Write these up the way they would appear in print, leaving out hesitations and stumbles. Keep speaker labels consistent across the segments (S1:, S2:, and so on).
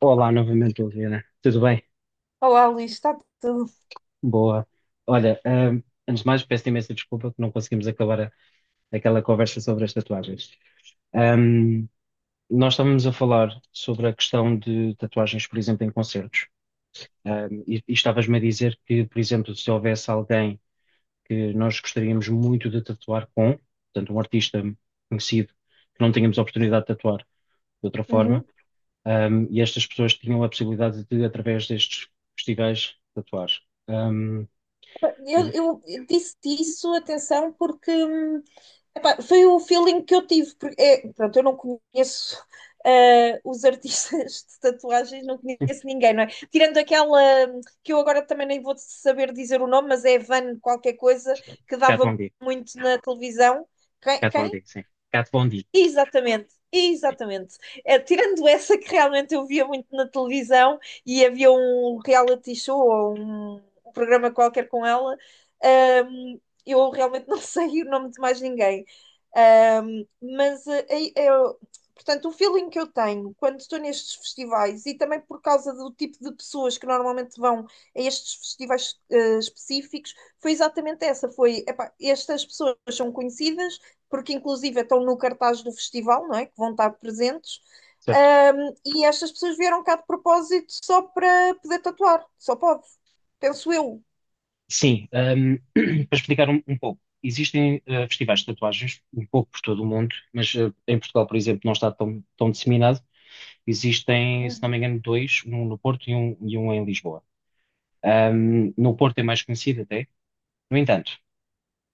S1: Olá novamente, Liliana. Tudo bem?
S2: Olá, Luís, está tudo.
S1: Boa. Olha, antes de mais, peço imensa desculpa que não conseguimos acabar aquela conversa sobre as tatuagens. Ahm, Nós estávamos a falar sobre a questão de tatuagens, por exemplo, em concertos. E estavas-me a dizer que, por exemplo, se houvesse alguém que nós gostaríamos muito de tatuar com, portanto, um artista conhecido, que não tínhamos a oportunidade de tatuar de outra forma,
S2: Uhum.
S1: e estas pessoas tinham a possibilidade de, através destes festivais, tatuar. Hum. Eu
S2: Eu,
S1: vou...
S2: eu disse-te isso, atenção, porque epá, foi o feeling que eu tive. Porque, é, pronto, eu não conheço os artistas de tatuagens, não
S1: Sim,
S2: conheço ninguém, não é? Tirando aquela que eu agora também nem vou saber dizer o nome, mas é Van qualquer coisa, que
S1: Kat Von
S2: dava
S1: D.
S2: muito na televisão. Quem?
S1: Kat Von
S2: Quem?
S1: D, sim. Cat Von D,
S2: Exatamente,
S1: sim.
S2: exatamente. Tirando essa que realmente eu via muito na televisão e havia um reality show ou um programa qualquer com ela, ahm, eu realmente não sei o nome de mais ninguém. Ahm, mas, eh, eh, eu- Portanto, o feeling que eu tenho quando estou nestes festivais e também por causa do tipo de pessoas que normalmente vão a estes festivais, específicos, foi exatamente essa. Foi, epá, estas pessoas são conhecidas porque inclusive estão no cartaz do festival, não é? Que vão estar presentes.
S1: Certo.
S2: Um, e estas pessoas vieram cá de propósito só para poder tatuar, só pode, penso eu.
S1: Sim, para explicar um pouco, existem festivais de tatuagens um pouco por todo o mundo, mas em Portugal, por exemplo, não está tão, tão disseminado. Existem, se não me
S2: Uhum.
S1: engano, dois, um no Porto e um em Lisboa. No Porto é mais conhecido até. No entanto,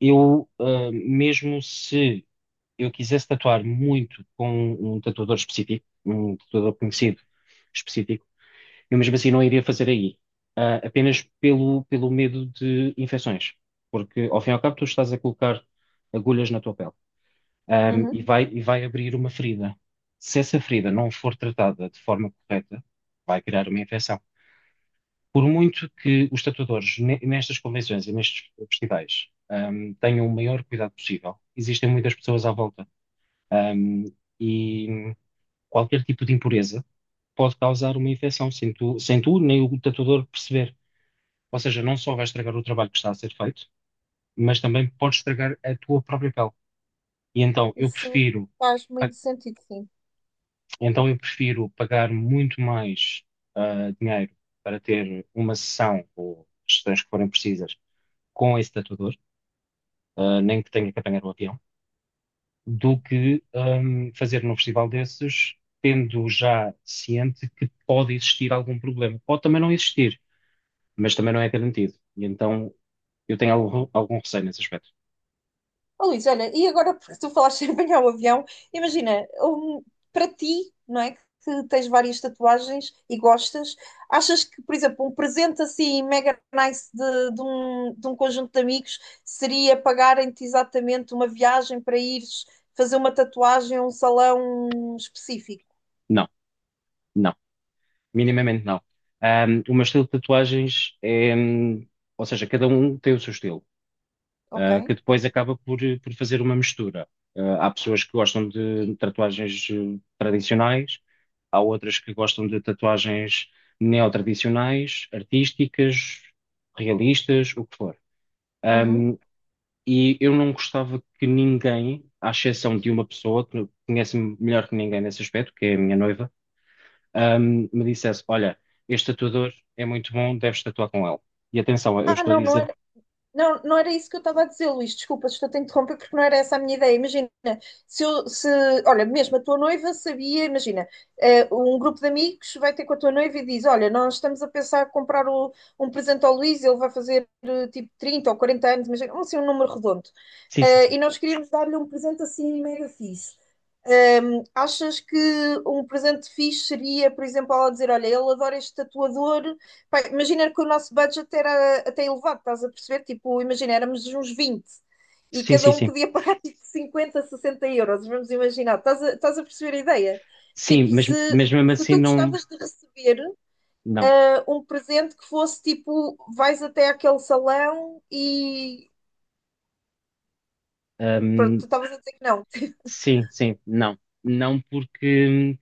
S1: mesmo se eu quisesse tatuar muito com um tatuador específico, um tatuador conhecido específico, eu mesmo assim não iria fazer aí. Apenas pelo, pelo medo de infecções, porque ao fim e ao cabo tu estás a colocar agulhas na tua pele, e
S2: Uhum.
S1: vai, e vai abrir uma ferida. Se essa ferida não for tratada de forma correta, vai criar uma infecção. Por muito que os tatuadores nestas convenções e nestes festivais, tenham o maior cuidado possível, existem muitas pessoas à volta, ahm, e qualquer tipo de impureza pode causar uma infecção sem tu nem o tatuador perceber. Ou seja, não só vais estragar o trabalho que está a ser feito, mas também podes estragar a tua própria pele. E então eu
S2: Isso
S1: prefiro,
S2: faz
S1: ah,
S2: muito sentido, sim.
S1: então eu prefiro pagar muito mais dinheiro para ter uma sessão ou sessões que forem precisas com esse tatuador, nem que tenha que apanhar o avião, do que fazer num festival desses, tendo já ciente que pode existir algum problema. Pode também não existir, mas também não é garantido. E então eu tenho algum receio nesse aspecto.
S2: Oh, Luís, olha, e agora porque tu falaste em apanhar o avião, imagina, para ti, não é? Que tens várias tatuagens e gostas, achas que, por exemplo, um presente assim mega nice de um conjunto de amigos seria pagarem-te exatamente uma viagem para ires fazer uma tatuagem a um salão específico?
S1: Não, não. Minimamente não. O meu estilo de tatuagens é, ou seja, cada um tem o seu estilo,
S2: Ok.
S1: que depois acaba por fazer uma mistura. Há pessoas que gostam de tatuagens tradicionais, há outras que gostam de tatuagens neotradicionais, artísticas, realistas, o que for.
S2: Uhum.
S1: Ahm, e eu não gostava que me dissesse: "Olha, este tatuador é muito bom, deves tatuar com ele." E atenção, eu
S2: Ah,
S1: estou a
S2: não, não.
S1: dizer:
S2: Não, não era isso que eu estava a dizer, Luís. Desculpa, estou-te a interromper porque não era essa a minha ideia. Imagina, se eu, se, olha, mesmo a tua noiva sabia, imagina, um grupo de amigos vai ter com a tua noiva e diz: Olha, nós estamos a pensar em comprar um presente ao Luís, ele vai fazer tipo 30 ou 40 anos, imagina, assim, um número redondo.
S1: Sim, sim, sim.
S2: E nós queríamos dar-lhe um presente assim mega fixe. Achas que um presente fixe seria, por exemplo, ela dizer: Olha, ele adora este tatuador. Pá, imagina que o nosso budget era até elevado, estás a perceber? Tipo, imagina, éramos uns 20 e
S1: Sim,
S2: cada
S1: sim,
S2: um
S1: sim.
S2: podia pagar tipo 50, 60 euros. Vamos imaginar, estás a perceber a ideia?
S1: Sim,
S2: Tipo,
S1: mas,
S2: se,
S1: mas mesmo
S2: se
S1: assim,
S2: tu
S1: não.
S2: gostavas de receber
S1: Não.
S2: um presente que fosse tipo: vais até aquele salão e. Pronto,
S1: Ahm,
S2: tu estavas a dizer que não.
S1: sim, sim, não. Não, porque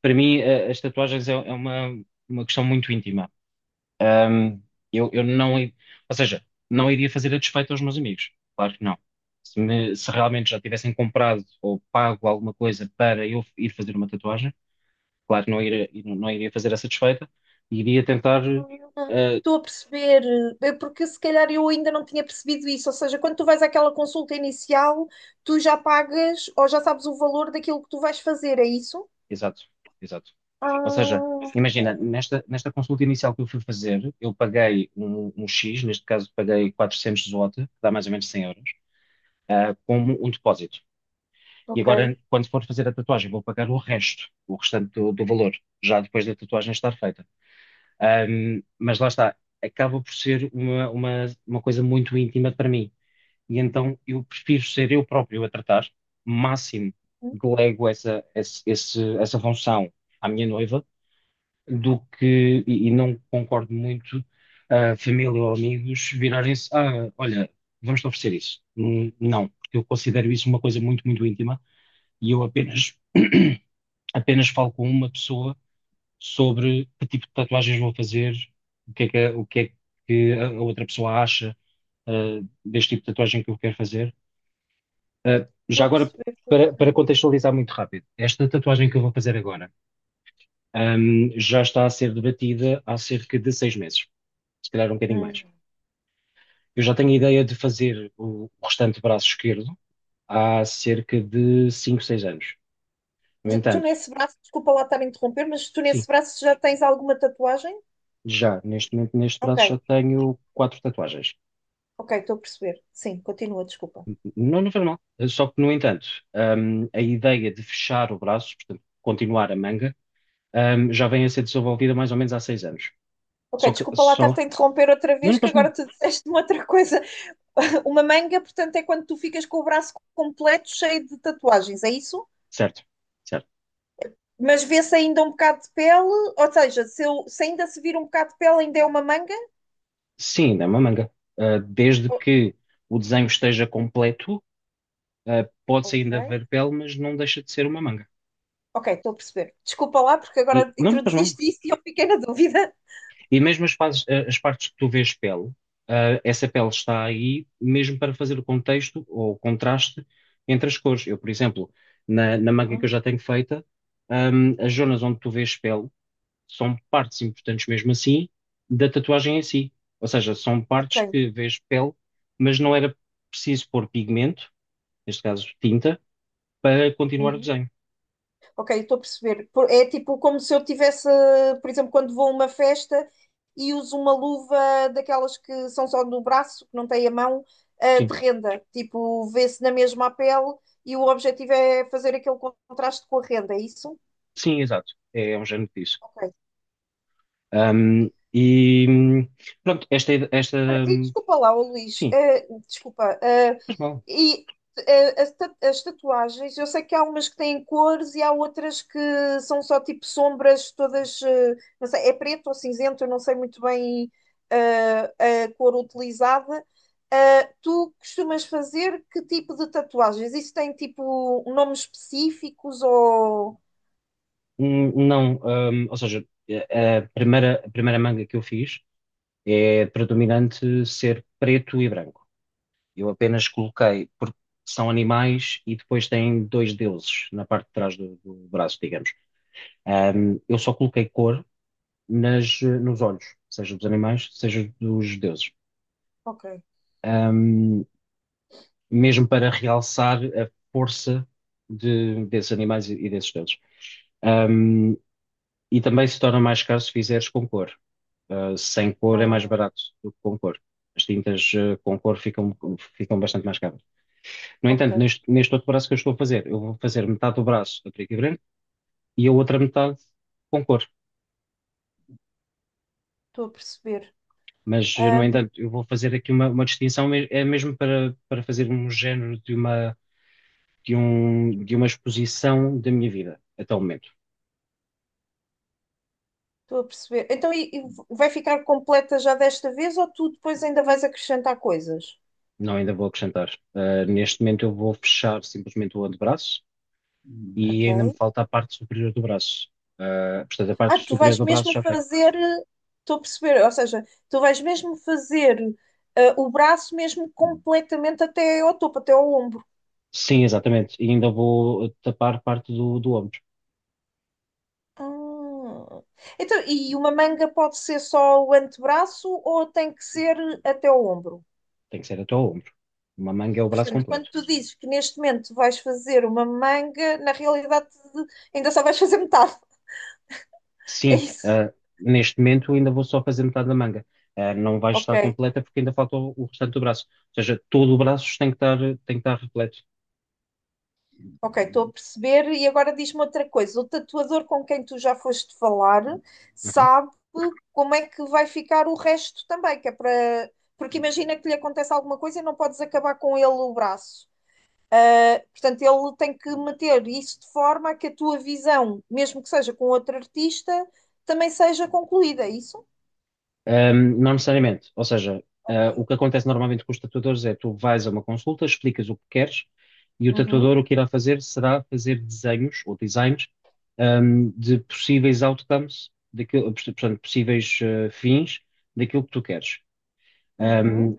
S1: para mim as tatuagens é uma questão muito íntima. Ahm, eu não. Ou seja, não iria fazer a despeito aos meus amigos. Claro que não. Se realmente já tivessem comprado ou pago alguma coisa para eu ir fazer uma tatuagem. Claro, não iria fazer essa desfeita, e iria tentar. eh,
S2: Estou a perceber, porque se calhar eu ainda não tinha percebido isso. Ou seja, quando tu vais àquela consulta inicial, tu já pagas ou já sabes o valor daquilo que tu vais fazer, é isso?
S1: Exato, exato. Ou seja,
S2: Ah,
S1: imagina, nesta consulta inicial que eu fui fazer, eu paguei um X, neste caso paguei 400 zloty, que dá mais ou menos 100 euros, como um depósito. E
S2: ok.
S1: agora, quando for fazer a tatuagem, vou pagar o resto, o restante do valor, já depois da tatuagem estar feita. Mas lá está, acaba por ser uma coisa muito íntima para mim. E então eu prefiro ser eu próprio a tratar, máximo
S2: Hum,
S1: delego essa função à minha noiva, do que, e não concordo muito, a família ou amigos virarem-se, olha, vamos-te oferecer isso. Não, porque eu considero isso uma coisa muito, muito íntima e eu apenas, apenas falo com uma pessoa sobre que tipo de tatuagens vou fazer, o que é que a outra pessoa acha, ah, deste tipo de tatuagem que eu quero fazer. Já
S2: Estou a
S1: agora,
S2: perceber.
S1: para contextualizar muito rápido, esta tatuagem que eu vou fazer agora, já está a ser debatida há cerca de 6 meses, se calhar um bocadinho
S2: Hum.
S1: mais. Eu já tenho a ideia de fazer o restante braço esquerdo há cerca de 5, 6 anos. No
S2: Tu
S1: entanto,
S2: nesse braço, desculpa lá estar a interromper, mas tu
S1: sim,
S2: nesse braço já tens alguma tatuagem?
S1: já neste momento, neste
S2: Ok,
S1: braço, já tenho quatro tatuagens.
S2: ok, estou a perceber. Sim, continua, desculpa.
S1: Não, não faz mal. Só que, no entanto, a ideia de fechar o braço, portanto, continuar a manga, já vem a ser desenvolvida mais ou menos há 6 anos.
S2: Ok,
S1: Só que,
S2: desculpa lá estar-te
S1: só.
S2: a interromper outra
S1: Não lhe
S2: vez, que
S1: faz mal.
S2: agora tu disseste-me outra coisa. Uma manga, portanto, é quando tu ficas com o braço completo cheio de tatuagens, é isso?
S1: Certo, certo.
S2: Mas vê-se ainda um bocado de pele, ou seja, se ainda se vir um bocado de pele, ainda é uma manga?
S1: Sim, ainda é uma manga. Desde
S2: O-
S1: que o desenho esteja completo, pode-se
S2: Ok.
S1: ainda ver pele, mas não deixa de ser uma manga.
S2: Ok, estou a perceber. Desculpa lá, porque
S1: E
S2: agora
S1: não lhe faz mal.
S2: introduziste isso e eu fiquei na dúvida.
S1: E mesmo as partes que tu vês pele, essa pele está aí mesmo para fazer o contexto ou o contraste entre as cores. Eu, por exemplo, na manga que eu já
S2: Ah,
S1: tenho feita, as zonas onde tu vês pele, são partes importantes mesmo assim da tatuagem em si. Ou seja, são partes
S2: ok.
S1: que vês pele, mas não era preciso pôr pigmento, neste caso tinta, para continuar o
S2: Uhum.
S1: desenho.
S2: Ok, estou a perceber. É tipo como se eu tivesse, por exemplo, quando vou a uma festa e uso uma luva daquelas que são só no braço, que não tem a mão,
S1: Sim,
S2: de renda. Tipo, vê-se na mesma a pele e o objetivo é fazer aquele contraste com a renda, é isso?
S1: sim, exato. É, um género disso.
S2: Ok.
S1: E pronto, esta
S2: Olha, e
S1: hum,
S2: desculpa lá, ô Luís,
S1: sim,
S2: desculpa.
S1: faz mal.
S2: E as tatuagens, eu sei que há umas que têm cores e há outras que são só tipo sombras, todas, não sei, é preto ou cinzento, eu não sei muito bem a cor utilizada. Tu costumas fazer que tipo de tatuagens? Isso tem tipo nomes específicos ou.
S1: Não, ou seja, a primeira manga que eu fiz é predominante ser preto e branco. Eu apenas coloquei, porque são animais e depois têm dois deuses na parte de trás do braço, digamos. Eu só coloquei cor nas, nos olhos, seja dos animais, seja dos deuses.
S2: Ok,
S1: Ahm, Mesmo para realçar a força desses animais e desses deuses. Um, e também se torna mais caro se fizeres com cor. Sem cor é mais
S2: ah,
S1: barato do que com cor. As tintas, com cor ficam bastante mais caras. No
S2: ok,
S1: entanto, neste outro braço que eu estou a fazer, eu vou fazer metade do braço a preto e branco e a outra metade com cor.
S2: estou a perceber.
S1: Mas, no entanto, eu vou fazer aqui uma distinção, é mesmo para, para fazer um género de uma exposição da minha vida até o momento.
S2: Estou a perceber. Então, e vai ficar completa já desta vez ou tu depois ainda vais acrescentar coisas?
S1: Não ainda vou acrescentar. Neste momento eu vou fechar simplesmente o antebraço e ainda me
S2: Ok.
S1: falta a parte superior do braço. Portanto, a
S2: Ah,
S1: parte
S2: tu
S1: superior
S2: vais
S1: do braço
S2: mesmo
S1: já tenho.
S2: fazer. Estou a perceber. Ou seja, tu vais mesmo fazer o braço mesmo completamente até ao topo, até ao ombro.
S1: Sim, exatamente. E ainda vou tapar parte do ombro.
S2: Ah. Então, e uma manga pode ser só o antebraço ou tem que ser até ao ombro?
S1: Tem que ser até ao ombro. Uma manga é o braço
S2: Portanto, quando
S1: completo.
S2: tu dizes que neste momento vais fazer uma manga, na realidade ainda só vais fazer metade. É
S1: Sim,
S2: isso.
S1: neste momento ainda vou só fazer metade da manga. Não vai
S2: Ok.
S1: estar completa porque ainda falta o restante do braço. Ou seja, todo o braço tem que estar repleto.
S2: Ok, estou a perceber. E agora diz-me outra coisa: o tatuador com quem tu já foste falar
S1: Uhum.
S2: sabe como é que vai ficar o resto também, que é para. Porque imagina que lhe acontece alguma coisa e não podes acabar com ele o braço. Ah, portanto, ele tem que meter isso de forma a que a tua visão, mesmo que seja com outro artista, também seja concluída, é isso?
S1: Não necessariamente. Ou seja, o
S2: Ok.
S1: que acontece normalmente com os tatuadores é tu vais a uma consulta, explicas o que queres e o tatuador
S2: Uhum,
S1: o que irá fazer será fazer desenhos ou designs, de possíveis outcomes, daquilo, portanto, possíveis fins daquilo que tu queres.
S2: uhum.
S1: Ahm,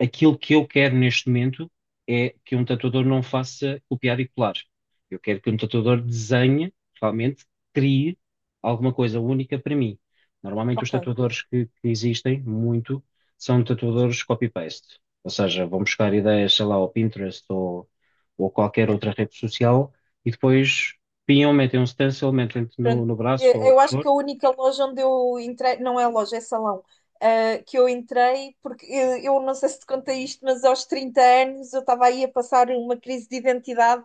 S1: Aquilo que eu quero neste momento é que um tatuador não faça copiar e colar. Eu quero que um tatuador desenhe, realmente crie alguma coisa única para mim. Normalmente os
S2: Ok.
S1: tatuadores que existem muito são tatuadores copy-paste. Ou seja, vão buscar ideias, sei lá, ao Pinterest ou qualquer outra rede social e depois pinham, metem um stencil, metem no,
S2: Pronto.
S1: no braço ou o
S2: Eu
S1: que
S2: acho
S1: for.
S2: que a única loja onde eu entrei, não é loja, é salão, que eu entrei, porque eu, não sei se te contei isto, mas aos 30 anos eu estava aí a passar uma crise de identidade,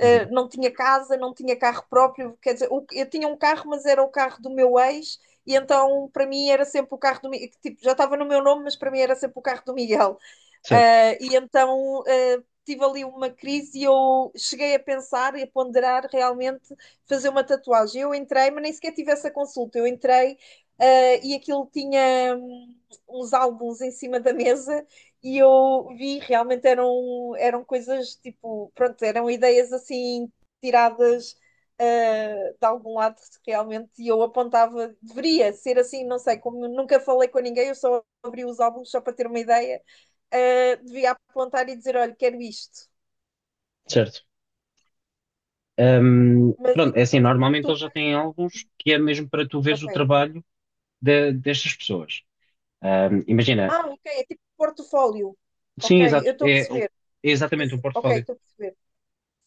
S1: Uhum.
S2: não tinha casa, não tinha carro próprio, quer dizer, eu tinha um carro, mas era o carro do meu ex, e então para mim era sempre o carro tipo, já estava no meu nome, mas para mim era sempre o carro do Miguel.
S1: Certo,
S2: E então tive ali uma crise e eu cheguei a pensar e a ponderar realmente fazer uma tatuagem. Eu entrei, mas nem sequer tive essa consulta. Eu entrei e aquilo tinha uns álbuns em cima da mesa e eu vi realmente eram coisas tipo, pronto, eram ideias assim tiradas. De algum lado realmente e eu apontava, deveria ser assim, não sei, como nunca falei com ninguém, eu só abri os álbuns só para ter uma ideia devia apontar e dizer: olha, quero isto.
S1: certo.
S2: Mas
S1: Pronto, é assim,
S2: onde
S1: normalmente
S2: tu
S1: eles já
S2: vais?
S1: têm alguns que é mesmo para tu veres o
S2: Ok.
S1: trabalho destas pessoas. Imagina,
S2: Ah, ok, é tipo portfólio. Ok,
S1: sim, exato,
S2: eu estou a
S1: é
S2: perceber.
S1: exatamente um
S2: Isso, ok,
S1: portfólio.
S2: estou a perceber.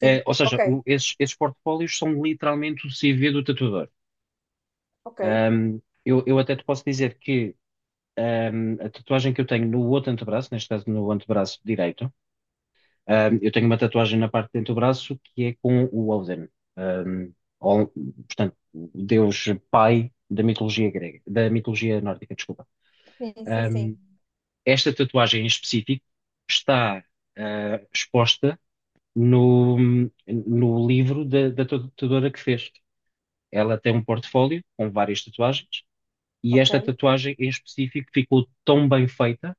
S2: Sim,
S1: É, ou seja,
S2: ok,
S1: esses portfólios são literalmente o CV do tatuador.
S2: ok.
S1: Eu até te posso dizer que a tatuagem que eu tenho no outro antebraço, neste caso no antebraço direito. Eu tenho uma tatuagem na parte de dentro do braço que é com o Odin. Um, Ol- Portanto, o Deus pai da mitologia grega, da mitologia nórdica, desculpa.
S2: Sim, sim,
S1: Um,
S2: sim.
S1: Esta tatuagem em específico está exposta no, no livro da tatuadora que fez. Ela tem um portfólio com várias tatuagens e
S2: Ok.
S1: esta tatuagem em específico ficou tão bem feita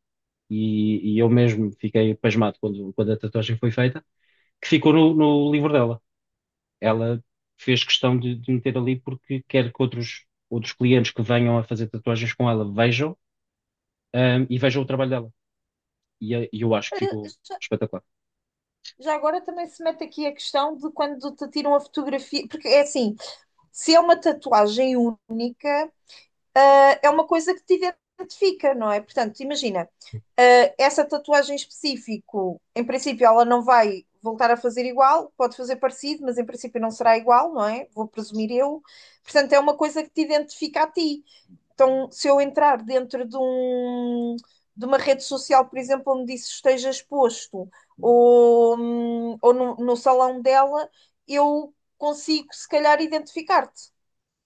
S1: e eu mesmo fiquei pasmado quando a tatuagem foi feita que ficou no livro dela. Ela fez questão de meter ali porque quer que outros clientes que venham a fazer tatuagens com ela vejam, e vejam o trabalho dela. E eu acho que ficou
S2: Já,
S1: espetacular.
S2: já agora também se mete aqui a questão de quando te tiram a fotografia, porque é assim, se é uma tatuagem única, é uma coisa que te identifica, não é? Portanto, imagina, essa tatuagem em específico, em princípio, ela não vai voltar a fazer igual, pode fazer parecido, mas em princípio não será igual, não é? Vou presumir eu. Portanto, é uma coisa que te identifica a ti. Então, se eu entrar dentro de uma rede social, por exemplo, onde isso esteja exposto, ou no salão dela, eu consigo, se calhar, identificar-te.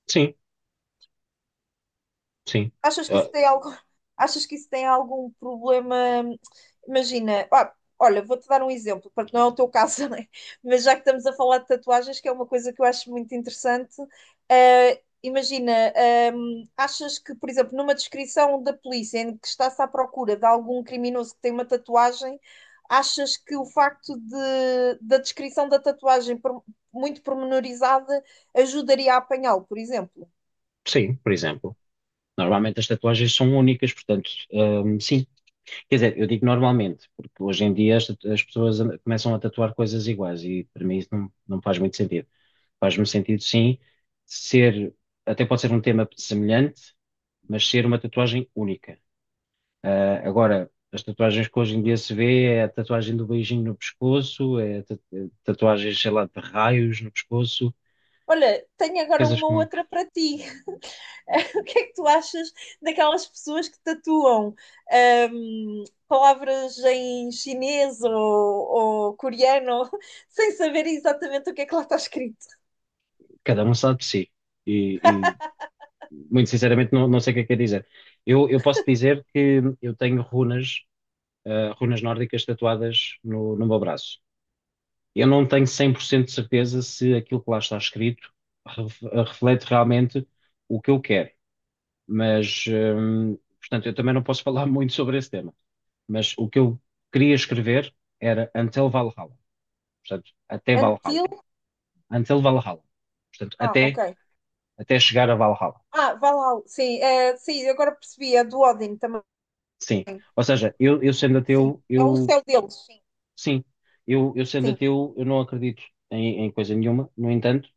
S1: Sim, sim.
S2: Achas que isso
S1: Ah,
S2: tem algo, achas que isso tem algum problema? Imagina, ah, olha, vou-te dar um exemplo, porque não é o teu caso, né? Mas já que estamos a falar de tatuagens, que é uma coisa que eu acho muito interessante, imagina, achas que, por exemplo, numa descrição da polícia em que está-se à procura de algum criminoso que tem uma tatuagem, achas que o facto da descrição da tatuagem muito pormenorizada ajudaria a apanhá-lo, por exemplo?
S1: sim, por exemplo. Normalmente as tatuagens são únicas, portanto, sim. Quer dizer, eu digo normalmente, porque hoje em dia as pessoas começam a tatuar coisas iguais e para mim isso não faz muito sentido. Faz-me sentido, sim, ser, até pode ser um tema semelhante, mas ser uma tatuagem única. Ah, agora, as tatuagens que hoje em dia se vê é a tatuagem do beijinho no pescoço, é tatuagens, sei lá, de raios no pescoço,
S2: Olha, tenho agora
S1: coisas
S2: uma
S1: que não-
S2: outra para ti. O que é que tu achas daquelas pessoas que tatuam palavras em chinês ou coreano sem saber exatamente o que é que lá está escrito?
S1: cada um sabe de si. E, e, muito sinceramente não sei o que é dizer. Eu posso dizer que eu tenho runas, runas nórdicas tatuadas no meu braço. Eu não tenho 100% de certeza se aquilo que lá está escrito reflete realmente o que eu quero. Mas, portanto, eu também não posso falar muito sobre esse tema. Mas o que eu queria escrever era Until Valhalla. Portanto, até Valhalla.
S2: Until?
S1: Until Valhalla. Portanto,
S2: Ah, ok.
S1: até chegar a Valhalla.
S2: Ah, vai lá. Sim, é, sim, agora percebi. É do Odin também.
S1: Sim. Ou seja, eu sendo
S2: Sim.
S1: ateu,
S2: É o
S1: eu,
S2: céu deles. Sim,
S1: sim. Eu sendo
S2: sim,
S1: ateu, eu não acredito em coisa nenhuma. No entanto,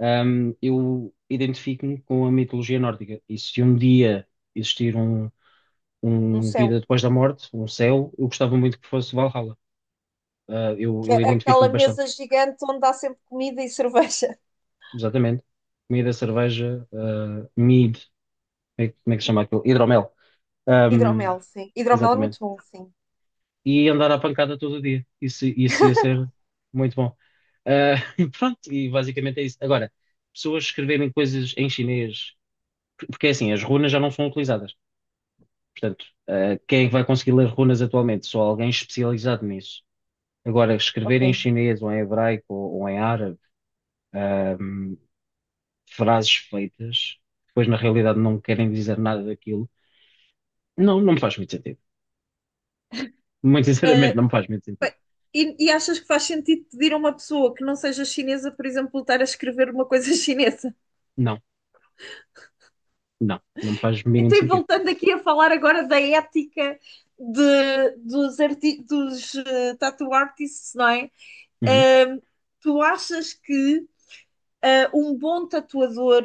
S1: eu identifico-me com a mitologia nórdica. E se um dia existir
S2: um
S1: um
S2: céu.
S1: vida depois da morte, um céu, eu gostava muito que fosse Valhalla. Ah, eu
S2: Que
S1: eu
S2: é aquela
S1: identifico-me bastante,
S2: mesa gigante onde há sempre comida e cerveja.
S1: exatamente. Comida, cerveja, ah, mead, como é que se chama aquilo? Hidromel. Ahm,
S2: Hidromel, sim. Hidromel é
S1: exatamente.
S2: muito bom, sim.
S1: E andar à pancada todo o dia. Isso ia ser muito bom. Ah, pronto, e basicamente é isso. Agora, pessoas escreverem coisas em chinês, porque é assim, as runas já não são utilizadas. Portanto, quem é que vai conseguir ler runas atualmente? Só alguém especializado nisso. Agora, escrever
S2: Ok.
S1: em chinês ou em hebraico ou em árabe. Frases feitas, que depois na realidade não querem dizer nada daquilo. Não me faz muito sentido. Muito sinceramente,
S2: Ah,
S1: não me faz muito sentido.
S2: bem, e achas que faz sentido pedir a uma pessoa que não seja chinesa, por exemplo, estar a escrever uma coisa chinesa?
S1: Não, não me faz mínimo
S2: Então, e
S1: sentido.
S2: voltando aqui a falar agora da ética dos tattoo artists, não é?
S1: Uhum,
S2: Ah, tu achas que um bom tatuador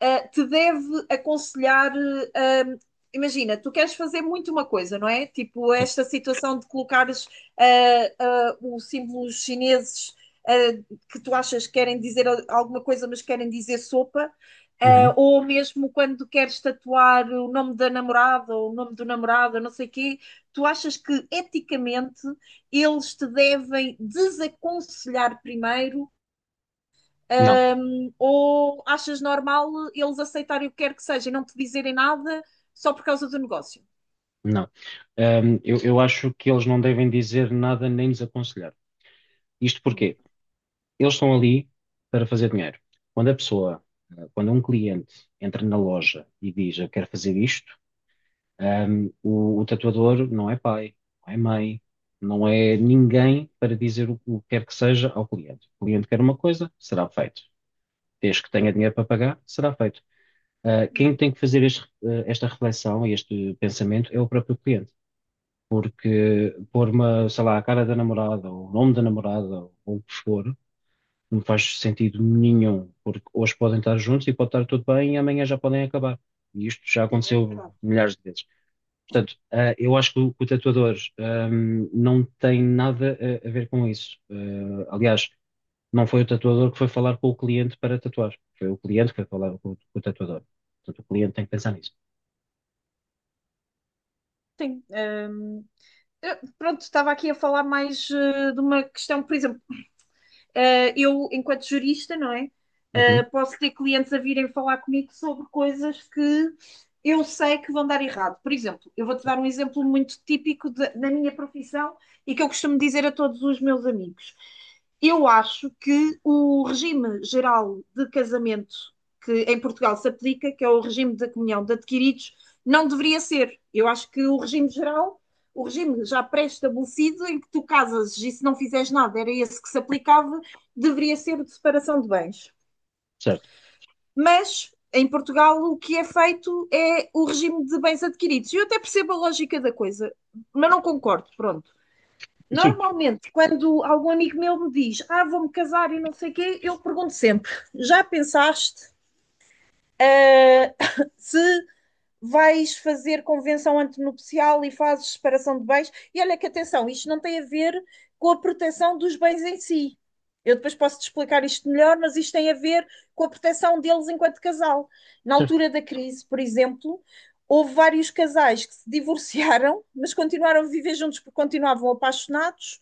S2: te deve aconselhar. eh, um, Imagina, tu queres fazer muito uma coisa, não é? Tipo,
S1: sim,
S2: esta situação de colocares os símbolos chineses eh, que tu achas que querem dizer alguma coisa, mas querem dizer sopa.
S1: uhum,
S2: Ou mesmo quando queres tatuar o nome da namorada ou o nome do namorado, não sei o quê, tu achas que eticamente eles te devem desaconselhar primeiro.
S1: não,
S2: Ou achas normal eles aceitarem o que quer que seja e não te dizerem nada só por causa do negócio?
S1: não. Eu acho que eles não devem dizer nada nem desaconselhar. Isto
S2: Hum,
S1: porque eles estão ali para fazer dinheiro. Quando a pessoa, quando um cliente entra na loja e diz eu quero fazer isto. O tatuador não é pai, não é mãe, não é ninguém para dizer o que quer que seja ao cliente. O cliente quer uma coisa, será feito. Desde que tenha dinheiro para pagar, será feito. Quem
S2: hum.
S1: tem que fazer esta reflexão e este pensamento é o próprio cliente. Porque pôr uma, sei lá, a cara da namorada, ou o nome da namorada, ou o que for, não faz sentido nenhum. Porque hoje podem estar juntos e pode estar tudo bem e amanhã já podem acabar. E isto já aconteceu milhares de vezes. Portanto, ah, eu acho que o tatuador não tem nada a ver com isso. Ah, aliás, não foi o tatuador que foi falar com o cliente para tatuar. Foi o cliente que foi falar com, o tatuador. Portanto, o cliente tem que pensar nisso.
S2: Sim. Pronto, estava aqui a falar mais de uma questão, por exemplo. Eu, enquanto jurista, não é?
S1: Uhum,
S2: Posso ter clientes a virem falar comigo sobre coisas que eu sei que vão dar errado. Por exemplo, eu vou-te dar
S1: certo.
S2: um exemplo muito típico da minha profissão e que eu costumo dizer a todos os meus amigos. Eu acho que o regime geral de casamento que em Portugal se aplica, que é o regime da comunhão de adquiridos, não deveria ser. Eu acho que o regime geral, o regime já pré-estabelecido, em que tu casas e se não fizeres nada, era esse que se aplicava, deveria ser de separação de bens.
S1: Certo.
S2: Mas em Portugal o que é feito é o regime de bens adquiridos. E eu até percebo a lógica da coisa, mas não concordo, pronto.
S1: Sim,
S2: Normalmente, quando algum amigo meu me diz, ah, vou-me casar e não sei o quê, eu pergunto sempre, já pensaste se vais fazer convenção antenupcial e fazes separação de bens. E olha que atenção, isto não tem a ver com a proteção dos bens em si. Eu depois posso te explicar isto melhor, mas isto tem a ver com a proteção deles enquanto casal. Na
S1: certo.
S2: altura da crise, por exemplo, houve vários casais que se divorciaram, mas continuaram a viver juntos porque continuavam apaixonados,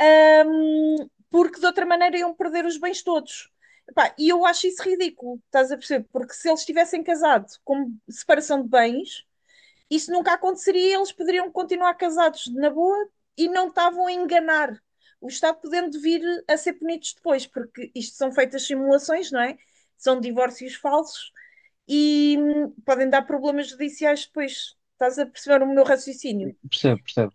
S2: hum, porque de outra maneira iam perder os bens todos. Epá, e eu acho isso ridículo, estás a perceber? Porque se eles tivessem casado com separação de bens, isso nunca aconteceria, eles poderiam continuar casados na boa e não estavam a enganar. O Estado podendo vir a ser punidos depois, porque isto são feitas simulações, não é? São divórcios falsos e podem dar problemas judiciais depois. Estás a perceber o meu raciocínio?
S1: Percebo, percebo.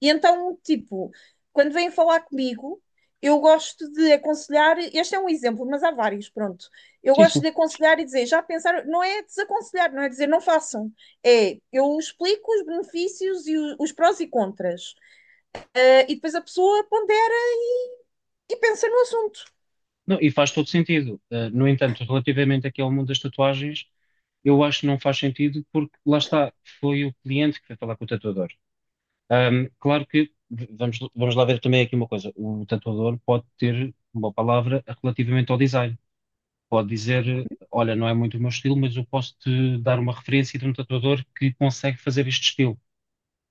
S2: E então, tipo, quando vêm falar comigo, eu gosto de aconselhar. Este é um exemplo, mas há vários, pronto. Eu
S1: Sim,
S2: gosto
S1: sim.
S2: de aconselhar e dizer, já pensaram, não é desaconselhar, não é dizer não façam. É, eu explico os benefícios e os prós e contras. Ah, e depois a pessoa pondera e pensa no assunto.
S1: Não, e faz todo sentido. Ah, no entanto, relativamente aqui ao mundo das tatuagens, eu acho que não faz sentido porque lá está, foi o cliente que foi falar com o tatuador. Claro que vamos lá ver também aqui uma coisa. O tatuador pode ter uma palavra relativamente ao design. Pode dizer, olha, não é muito o meu estilo, mas eu posso te dar uma referência de um tatuador que consegue fazer este estilo.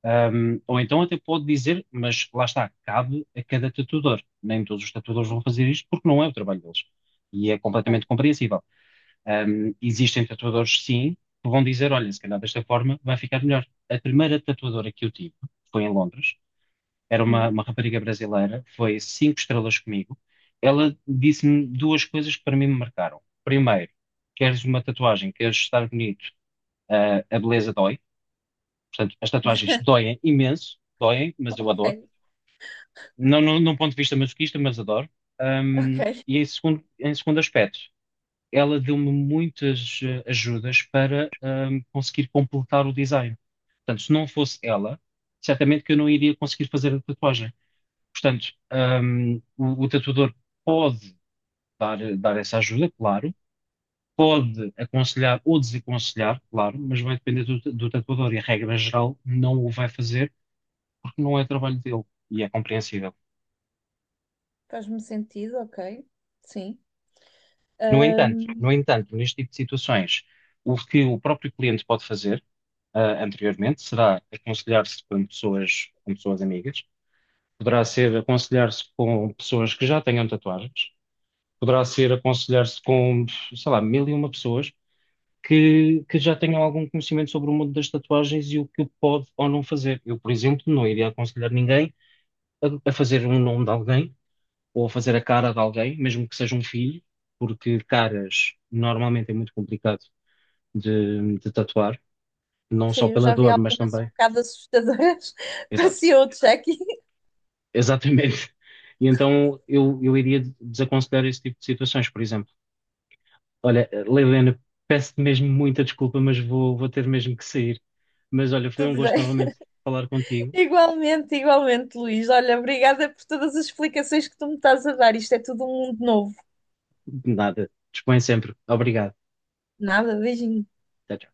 S1: Ou então até pode dizer, mas lá está, cabe a cada tatuador. Nem todos os tatuadores vão fazer isto porque não é o trabalho deles. E é
S2: Ok.
S1: completamente compreensível. Existem tatuadores, sim, que vão dizer, olha, se calhar desta forma vai ficar melhor. A primeira tatuadora que eu tive foi em Londres, era
S2: Hum,
S1: uma rapariga brasileira, foi cinco estrelas comigo. Ela disse-me duas coisas que para mim me marcaram. Primeiro, queres uma tatuagem, queres estar bonito, ah, a beleza dói. Portanto, as tatuagens doem imenso, doem, mas eu adoro.
S2: ok.
S1: Não, não, não ponto de vista masoquista, mas adoro. Ahm,
S2: Ok.
S1: e em segundo aspecto, ela deu-me muitas ajudas para conseguir completar o design. Portanto, se não fosse ela, certamente que eu não iria conseguir fazer a tatuagem. Portanto, o tatuador pode dar essa ajuda, claro, pode aconselhar ou desaconselhar, claro, mas vai depender do tatuador e, a regra geral, não o vai fazer porque não é trabalho dele e é compreensível.
S2: Faz-me sentido, ok. Sim.
S1: No entanto, no entanto, neste tipo de situações, o que o próprio cliente pode fazer, ah, anteriormente será aconselhar-se com pessoas amigas, poderá ser aconselhar-se com pessoas que já tenham tatuagens, poderá ser aconselhar-se com, sei lá, 1001 pessoas que já tenham algum conhecimento sobre o mundo das tatuagens e o que pode ou não fazer. Eu, por exemplo, não iria aconselhar ninguém a fazer um nome de alguém ou a fazer a cara de alguém, mesmo que seja um filho, porque caras normalmente é muito complicado de tatuar, não
S2: Sim,
S1: só
S2: eu
S1: pela
S2: já vi
S1: dor, mas
S2: algumas um
S1: também.
S2: bocado assustadoras.
S1: Exato,
S2: Parecia outro check.
S1: exatamente. E então eu iria desaconselhar esse tipo de situações, por exemplo. Olha, Leilena, peço-te mesmo muita desculpa, mas vou ter mesmo que sair. Mas olha, foi um
S2: Tudo
S1: gosto
S2: bem.
S1: novamente falar contigo.
S2: Igualmente, igualmente, Luís. Olha, obrigada por todas as explicações que tu me estás a dar. Isto é tudo um mundo novo.
S1: Nada. Dispõe sempre. Obrigado.
S2: Nada, beijinho.
S1: Até já.